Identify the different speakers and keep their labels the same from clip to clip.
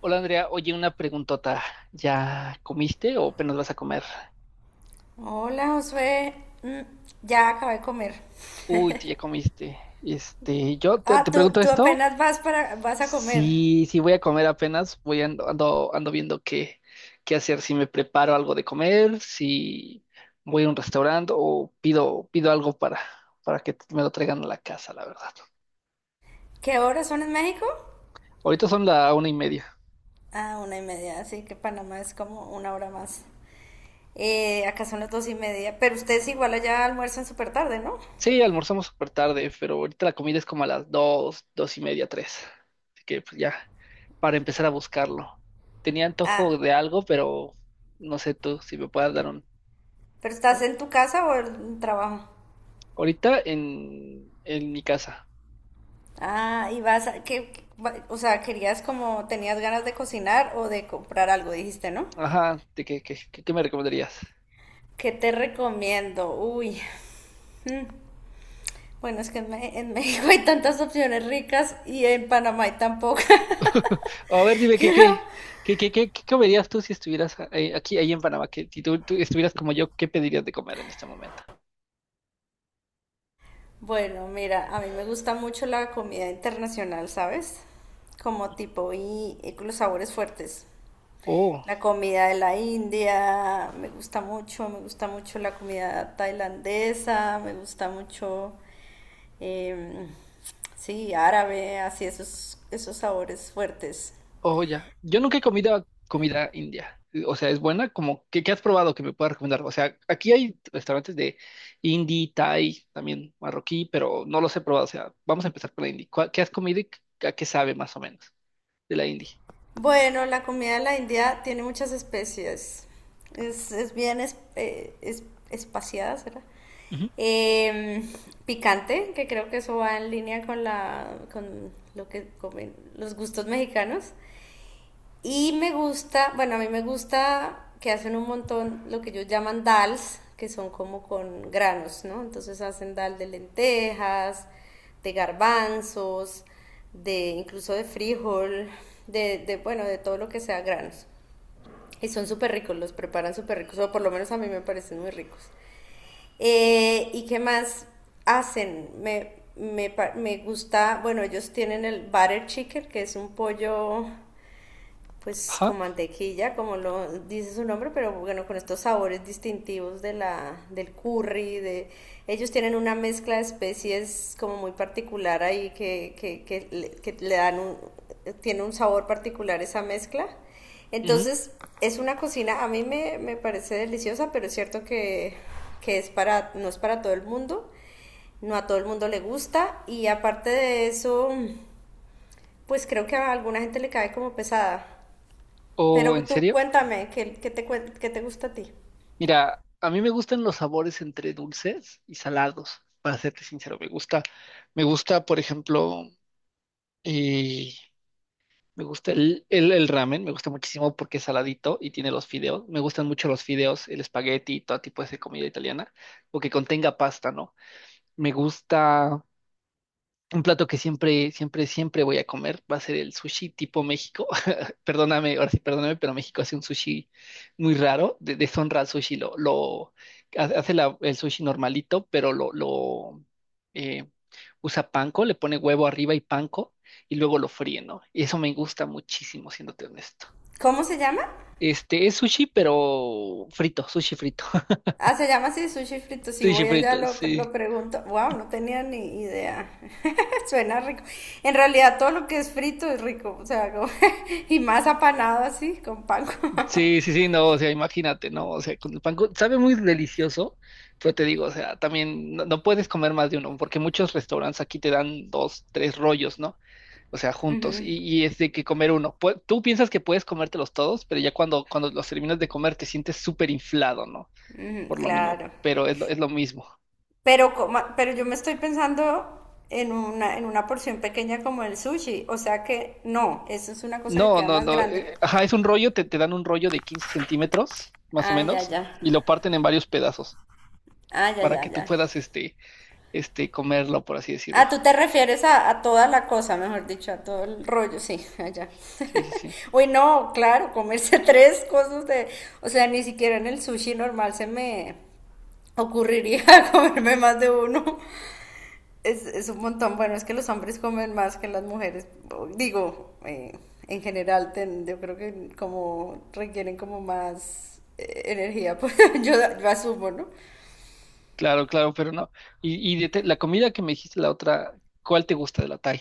Speaker 1: Hola Andrea, oye, una preguntota. ¿Ya comiste o apenas vas a comer?
Speaker 2: Hola, Josué. Mm, ya acabé de comer.
Speaker 1: Uy, tú ya comiste. Yo te,
Speaker 2: Ah,
Speaker 1: te
Speaker 2: tú,
Speaker 1: pregunto
Speaker 2: tú
Speaker 1: esto.
Speaker 2: apenas vas vas a comer.
Speaker 1: Si, si voy a comer apenas, ando viendo qué hacer, si me preparo algo de comer, si voy a un restaurante o pido algo para que me lo traigan a la casa, la verdad.
Speaker 2: ¿Qué horas son en México?
Speaker 1: Ahorita son la una y media.
Speaker 2: Ah, una y media, así que Panamá es como una hora más. Acá son las dos y media, pero ustedes igual allá almuerzan súper tarde, ¿no?
Speaker 1: Sí, almorzamos súper tarde, pero ahorita la comida es como a las dos, dos y media, tres. Así que pues ya, para empezar a buscarlo. Tenía antojo
Speaker 2: Ah,
Speaker 1: de algo, pero no sé tú si me puedas dar un...
Speaker 2: ¿pero estás en tu casa o en trabajo?
Speaker 1: Ahorita en mi casa.
Speaker 2: Ah, y vas a, que, o sea, querías como, tenías ganas de cocinar o de comprar algo, dijiste, ¿no?
Speaker 1: Ajá, ¿de qué me recomendarías?
Speaker 2: ¿Qué te recomiendo? Uy, bueno, es que en México hay tantas opciones ricas y en Panamá hay tan pocas.
Speaker 1: O a ver, dime,
Speaker 2: Pero
Speaker 1: qué comerías tú si estuvieras aquí, ahí en Panamá? Que si tú estuvieras como yo, ¿qué pedirías de comer en este momento?
Speaker 2: bueno, mira, a mí me gusta mucho la comida internacional, ¿sabes? Como tipo y con los sabores fuertes.
Speaker 1: Oh.
Speaker 2: La comida de la India me gusta mucho la comida tailandesa, me gusta mucho, em, sí, árabe, así esos, esos sabores fuertes.
Speaker 1: Oh, ya. Yo nunca he comido comida india. O sea, es buena. Como, qué has probado que me puedas recomendar? O sea, aquí hay restaurantes de indie, thai, también marroquí, pero no los he probado. O sea, vamos a empezar por la indie. ¿Qué has comido y a qué sabe más o menos de la indie?
Speaker 2: Bueno, la comida de la India tiene muchas especies. Es bien es- ¿Espaciada, será?
Speaker 1: Ujú.
Speaker 2: Em, Picante, que creo que eso va en línea con la, con lo que comen los gustos mexicanos. Y me gusta, bueno, a mí me gusta que hacen un montón lo que ellos llaman dals, que son como con granos, ¿no? Entonces hacen dal de lentejas, de garbanzos, de incluso de frijol, de bueno, de todo lo que sea granos. Y son súper ricos, los preparan súper ricos, o por lo menos a mí me parecen muy ricos. ¿Y qué más hacen? Me gusta, bueno, ellos tienen el butter chicken, que es un pollo pues
Speaker 1: Ajá.
Speaker 2: con mantequilla, como lo dice su nombre, pero bueno, con estos sabores distintivos de la, del curry, de ellos tienen una mezcla de especies como muy particular ahí que le dan un, tiene un sabor particular esa mezcla.
Speaker 1: Ujú.
Speaker 2: Entonces, es una cocina, me parece deliciosa, pero es cierto que es para, no es para todo el mundo, no a todo el mundo le gusta y aparte de eso, pues creo que a alguna gente le cae como pesada.
Speaker 1: ¿O
Speaker 2: Pero
Speaker 1: en
Speaker 2: tú
Speaker 1: serio?
Speaker 2: cuéntame, ¿qué te gusta a ti?
Speaker 1: Mira, a mí me gustan los sabores entre dulces y salados, para serte sincero. Me gusta, por ejemplo, eh, me gusta el ramen, me gusta muchísimo porque es saladito y tiene los fideos. Me gustan mucho los fideos, el espagueti todo tipo de comida italiana, o que contenga pasta, ¿no? Me gusta un plato que siempre, siempre, siempre voy a comer va a ser el sushi tipo México. Perdóname, ahora sí, perdóname, pero México hace un sushi muy raro. Deshonra al sushi, lo hace el sushi normalito, pero lo eh, usa panko, le pone huevo arriba y panko y luego lo fríe, ¿no? Y eso me gusta muchísimo, siéndote honesto.
Speaker 2: ¿Cómo se llama?
Speaker 1: Este es sushi, pero frito, sushi frito.
Speaker 2: Ah, se llama así, sushi frito. Si
Speaker 1: Sushi
Speaker 2: voy allá
Speaker 1: frito,
Speaker 2: lo
Speaker 1: sí.
Speaker 2: pregunto. Wow, no tenía ni idea. Suena rico. En realidad todo lo que es frito es rico. O sea, como y más apanado así, con pan.
Speaker 1: Sí, sí, sí, no, o sea, imagínate, ¿no? O sea, con el sabe muy delicioso, pero te digo, o sea, también no puedes comer más de uno, porque muchos restaurantes aquí te dan dos, tres rollos, ¿no? O sea, juntos, y es de que comer uno. Tú piensas que puedes comértelos todos, pero ya cuando los terminas de comer te sientes súper inflado, ¿no?
Speaker 2: Mm,
Speaker 1: Por lo mismo,
Speaker 2: claro.
Speaker 1: pero es lo mismo.
Speaker 2: Pero yo me estoy pensando en en una porción pequeña como el sushi. O sea que no, eso es una cosa que
Speaker 1: No,
Speaker 2: queda
Speaker 1: no,
Speaker 2: más
Speaker 1: no,
Speaker 2: grande.
Speaker 1: ajá, es un rollo, te dan un rollo de 15 centímetros, más o
Speaker 2: Ah, ya,
Speaker 1: menos,
Speaker 2: ya.
Speaker 1: y lo parten en varios pedazos,
Speaker 2: Ah, ya,
Speaker 1: para
Speaker 2: ya,
Speaker 1: que tú
Speaker 2: ya.
Speaker 1: puedas, comerlo, por así decirlo.
Speaker 2: Ah, tú te refieres a toda la cosa, mejor dicho, a todo el rollo, sí, allá.
Speaker 1: Sí, sí, sí.
Speaker 2: Uy, no, claro, comerse tres cosas de, o sea, ni siquiera en el sushi normal se me ocurriría comerme más de uno. Es un montón, bueno, es que los hombres comen más que las mujeres, digo, en general, yo creo que como requieren como más energía, pues yo, yo asumo, ¿no?
Speaker 1: Claro, claro, pero no. Y la comida que me dijiste la otra, ¿cuál te gusta de la Thai?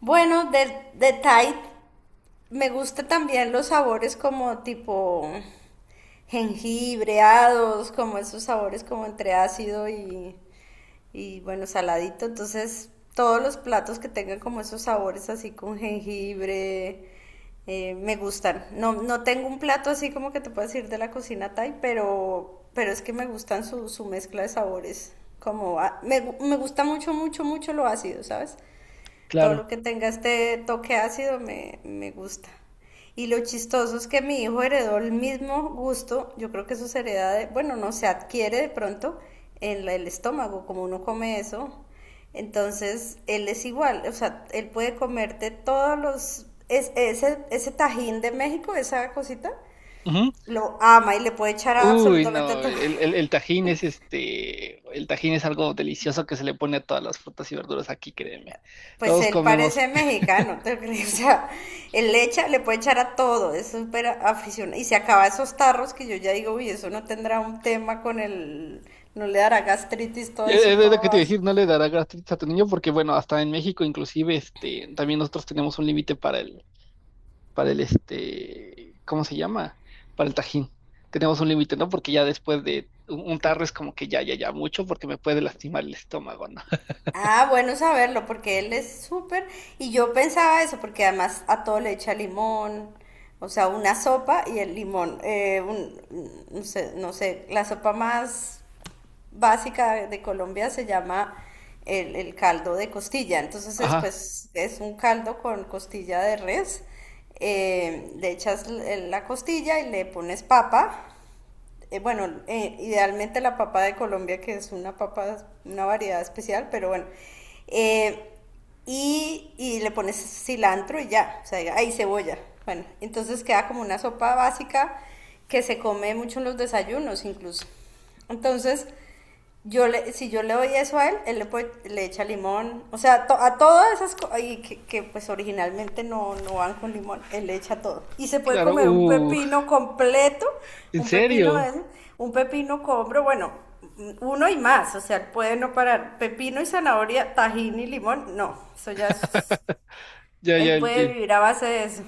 Speaker 2: Bueno, de Tide. Me gusta también los sabores como tipo jengibreados, como esos sabores como entre ácido y bueno, saladito. Entonces, todos los platos que tengan como esos sabores así con jengibre, me gustan. No, no tengo un plato así como que te puedas decir de la cocina Thai, pero es que me gustan su mezcla de sabores. Como a- me, gu- Me gusta mucho, mucho, mucho lo ácido, ¿sabes? Todo lo
Speaker 1: Claro.
Speaker 2: que tenga este toque ácido me gusta. Y lo chistoso es que mi hijo heredó el mismo gusto, yo creo que eso se hereda de, bueno, no se adquiere de pronto en el estómago, como uno come eso. Entonces, él es igual, o sea, él puede comerte todos los, ese tajín de México, esa cosita,
Speaker 1: Ujú.
Speaker 2: lo ama y le puede echar a
Speaker 1: Uy,
Speaker 2: absolutamente
Speaker 1: no,
Speaker 2: todo.
Speaker 1: el tajín es este, el tajín es algo delicioso que se le pone a todas las frutas y verduras aquí, créeme.
Speaker 2: Pues
Speaker 1: Todos
Speaker 2: él
Speaker 1: comemos.
Speaker 2: parece mexicano, ¿te crees? O sea, él le echa, le puede echar a todo, es súper aficionado. Y se acaba esos tarros que yo ya digo, uy, eso no tendrá un tema con el, no le dará gastritis, todo eso,
Speaker 1: Es lo que
Speaker 2: todo
Speaker 1: te iba a
Speaker 2: así.
Speaker 1: decir, no le dará gastritis a tu niño porque, bueno, hasta en México inclusive, también nosotros tenemos un límite para el, ¿cómo se llama? Para el tajín. Tenemos un límite, ¿no? Porque ya después de un tarro es como que ya, ya, ya mucho porque me puede lastimar el estómago, ¿no?
Speaker 2: Ah, bueno saberlo, porque él es súper, y yo pensaba eso, porque además a todo le echa limón, o sea, una sopa y el limón, un, no sé, no sé, la sopa más básica de Colombia se llama el caldo de costilla. Entonces es,
Speaker 1: Ajá,
Speaker 2: pues, es un caldo con costilla de res. La costilla y le pones papa. Bueno, Idealmente la papa de Colombia, que es una papa, una variedad especial, pero bueno. Eh, y le pones cilantro y ya, o sea, ahí cebolla. Bueno, entonces queda como una sopa básica que se come mucho en los desayunos incluso. Entonces, yo le, si yo le doy eso a él, le echa limón. O sea, a todas esas cosas que, pues originalmente no, no van con limón, él le echa todo. Y se puede
Speaker 1: claro,
Speaker 2: comer un pepino completo,
Speaker 1: ¿en
Speaker 2: un pepino de
Speaker 1: serio?
Speaker 2: ese, un pepino con hombro, bueno, uno y más. O sea, él puede no parar. Pepino y zanahoria, tajín y limón, no. Eso ya es...
Speaker 1: Ya,
Speaker 2: Él
Speaker 1: ya,
Speaker 2: puede
Speaker 1: ya,
Speaker 2: vivir a base de eso.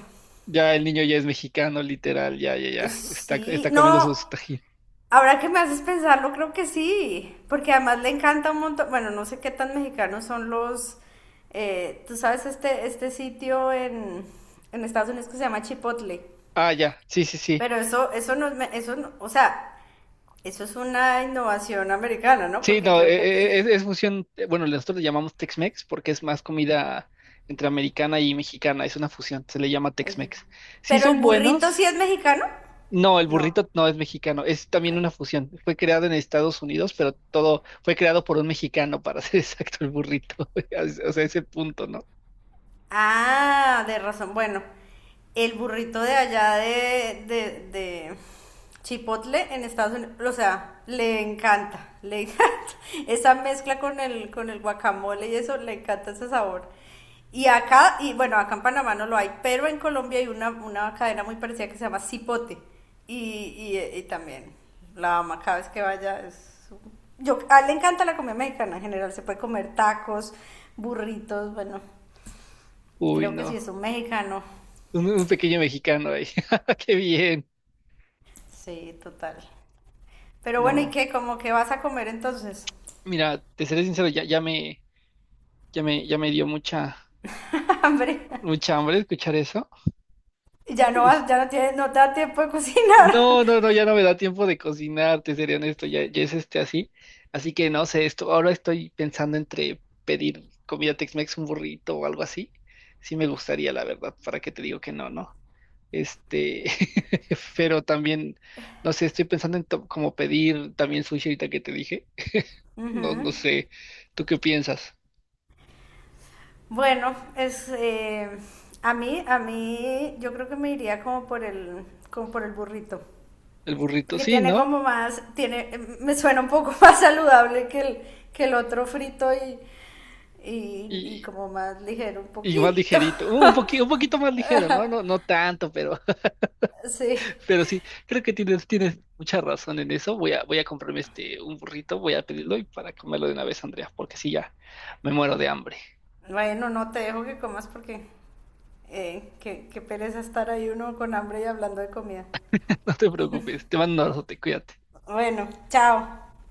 Speaker 1: ya el niño ya es mexicano, literal, ya, ya, ya,
Speaker 2: Sí,
Speaker 1: está comiendo
Speaker 2: no,
Speaker 1: su tajín.
Speaker 2: ahora que me haces pensarlo, creo que sí, porque además le encanta un montón, bueno, no sé qué tan mexicanos son los, tú sabes, este sitio en Estados Unidos que se llama Chipotle,
Speaker 1: Ah, ya, sí, sí, sí.
Speaker 2: pero eso no, o sea, eso es una innovación americana, ¿no?
Speaker 1: Sí,
Speaker 2: Porque
Speaker 1: no,
Speaker 2: creo que...
Speaker 1: es fusión, bueno, nosotros le llamamos Tex-Mex porque es más comida entre americana y mexicana, es una fusión, se le llama
Speaker 2: es-
Speaker 1: Tex-Mex. Sí
Speaker 2: pero el
Speaker 1: son
Speaker 2: burrito sí
Speaker 1: buenos.
Speaker 2: es mexicano,
Speaker 1: No, el
Speaker 2: no.
Speaker 1: burrito no es mexicano, es también una fusión. Fue creado en Estados Unidos, pero todo fue creado por un mexicano, para ser exacto, el burrito. O sea, ese punto, ¿no?
Speaker 2: Ah, de razón. Bueno, el burrito de allá de Chipotle en Estados Unidos, o sea, le encanta, le encanta. Esa mezcla con el guacamole y eso, le encanta ese sabor. Y acá, y bueno, acá en Panamá no lo hay, pero en Colombia hay una cadena muy parecida que se llama Cipote. Y también la ama cada vez que vaya. Es... Yo, a él le encanta la comida mexicana en general, se puede comer tacos, burritos, bueno,
Speaker 1: Uy,
Speaker 2: creo que sí
Speaker 1: no.
Speaker 2: es un mexicano.
Speaker 1: Un pequeño mexicano ahí. Qué bien.
Speaker 2: Sí, total. Pero bueno, ¿y
Speaker 1: No.
Speaker 2: qué? ¿Cómo que vas a comer entonces?
Speaker 1: Mira, te seré sincero, ya me dio mucha,
Speaker 2: Hambre.
Speaker 1: hambre escuchar eso.
Speaker 2: Ya no vas, ya no tienes, no te da tiempo de cocinar.
Speaker 1: No, no, no, ya no me da tiempo de cocinar, te seré honesto, ya, ya es así. Así que no sé, esto, ahora estoy pensando entre pedir comida Tex-Mex, un burrito o algo así. Sí me gustaría, la verdad, para que te digo que no, ¿no? Este, pero también, no sé, estoy pensando en como pedir también sushi ahorita que te dije. No, no sé, ¿tú qué piensas?
Speaker 2: Bueno, es a mí, yo creo que me iría como por como por el burrito.
Speaker 1: El burrito,
Speaker 2: Porque
Speaker 1: sí,
Speaker 2: tiene
Speaker 1: ¿no?
Speaker 2: como más, tiene, mm, me suena un poco más saludable que que el otro frito y
Speaker 1: Y,
Speaker 2: como más ligero un
Speaker 1: y más
Speaker 2: poquito.
Speaker 1: ligerito, un poquito más ligero, ¿no? No, no tanto, pero.
Speaker 2: Sí.
Speaker 1: Pero sí, creo que tienes mucha razón en eso. Voy a comprarme un burrito, voy a pedirlo y para comerlo de una vez, Andrea, porque sí, ya me muero de hambre.
Speaker 2: Bueno, no te dejo que comas porque... qué pereza estar ahí uno con hambre y hablando de comida.
Speaker 1: No te preocupes, te mando un abrazo, te cuídate.
Speaker 2: Bueno, chao.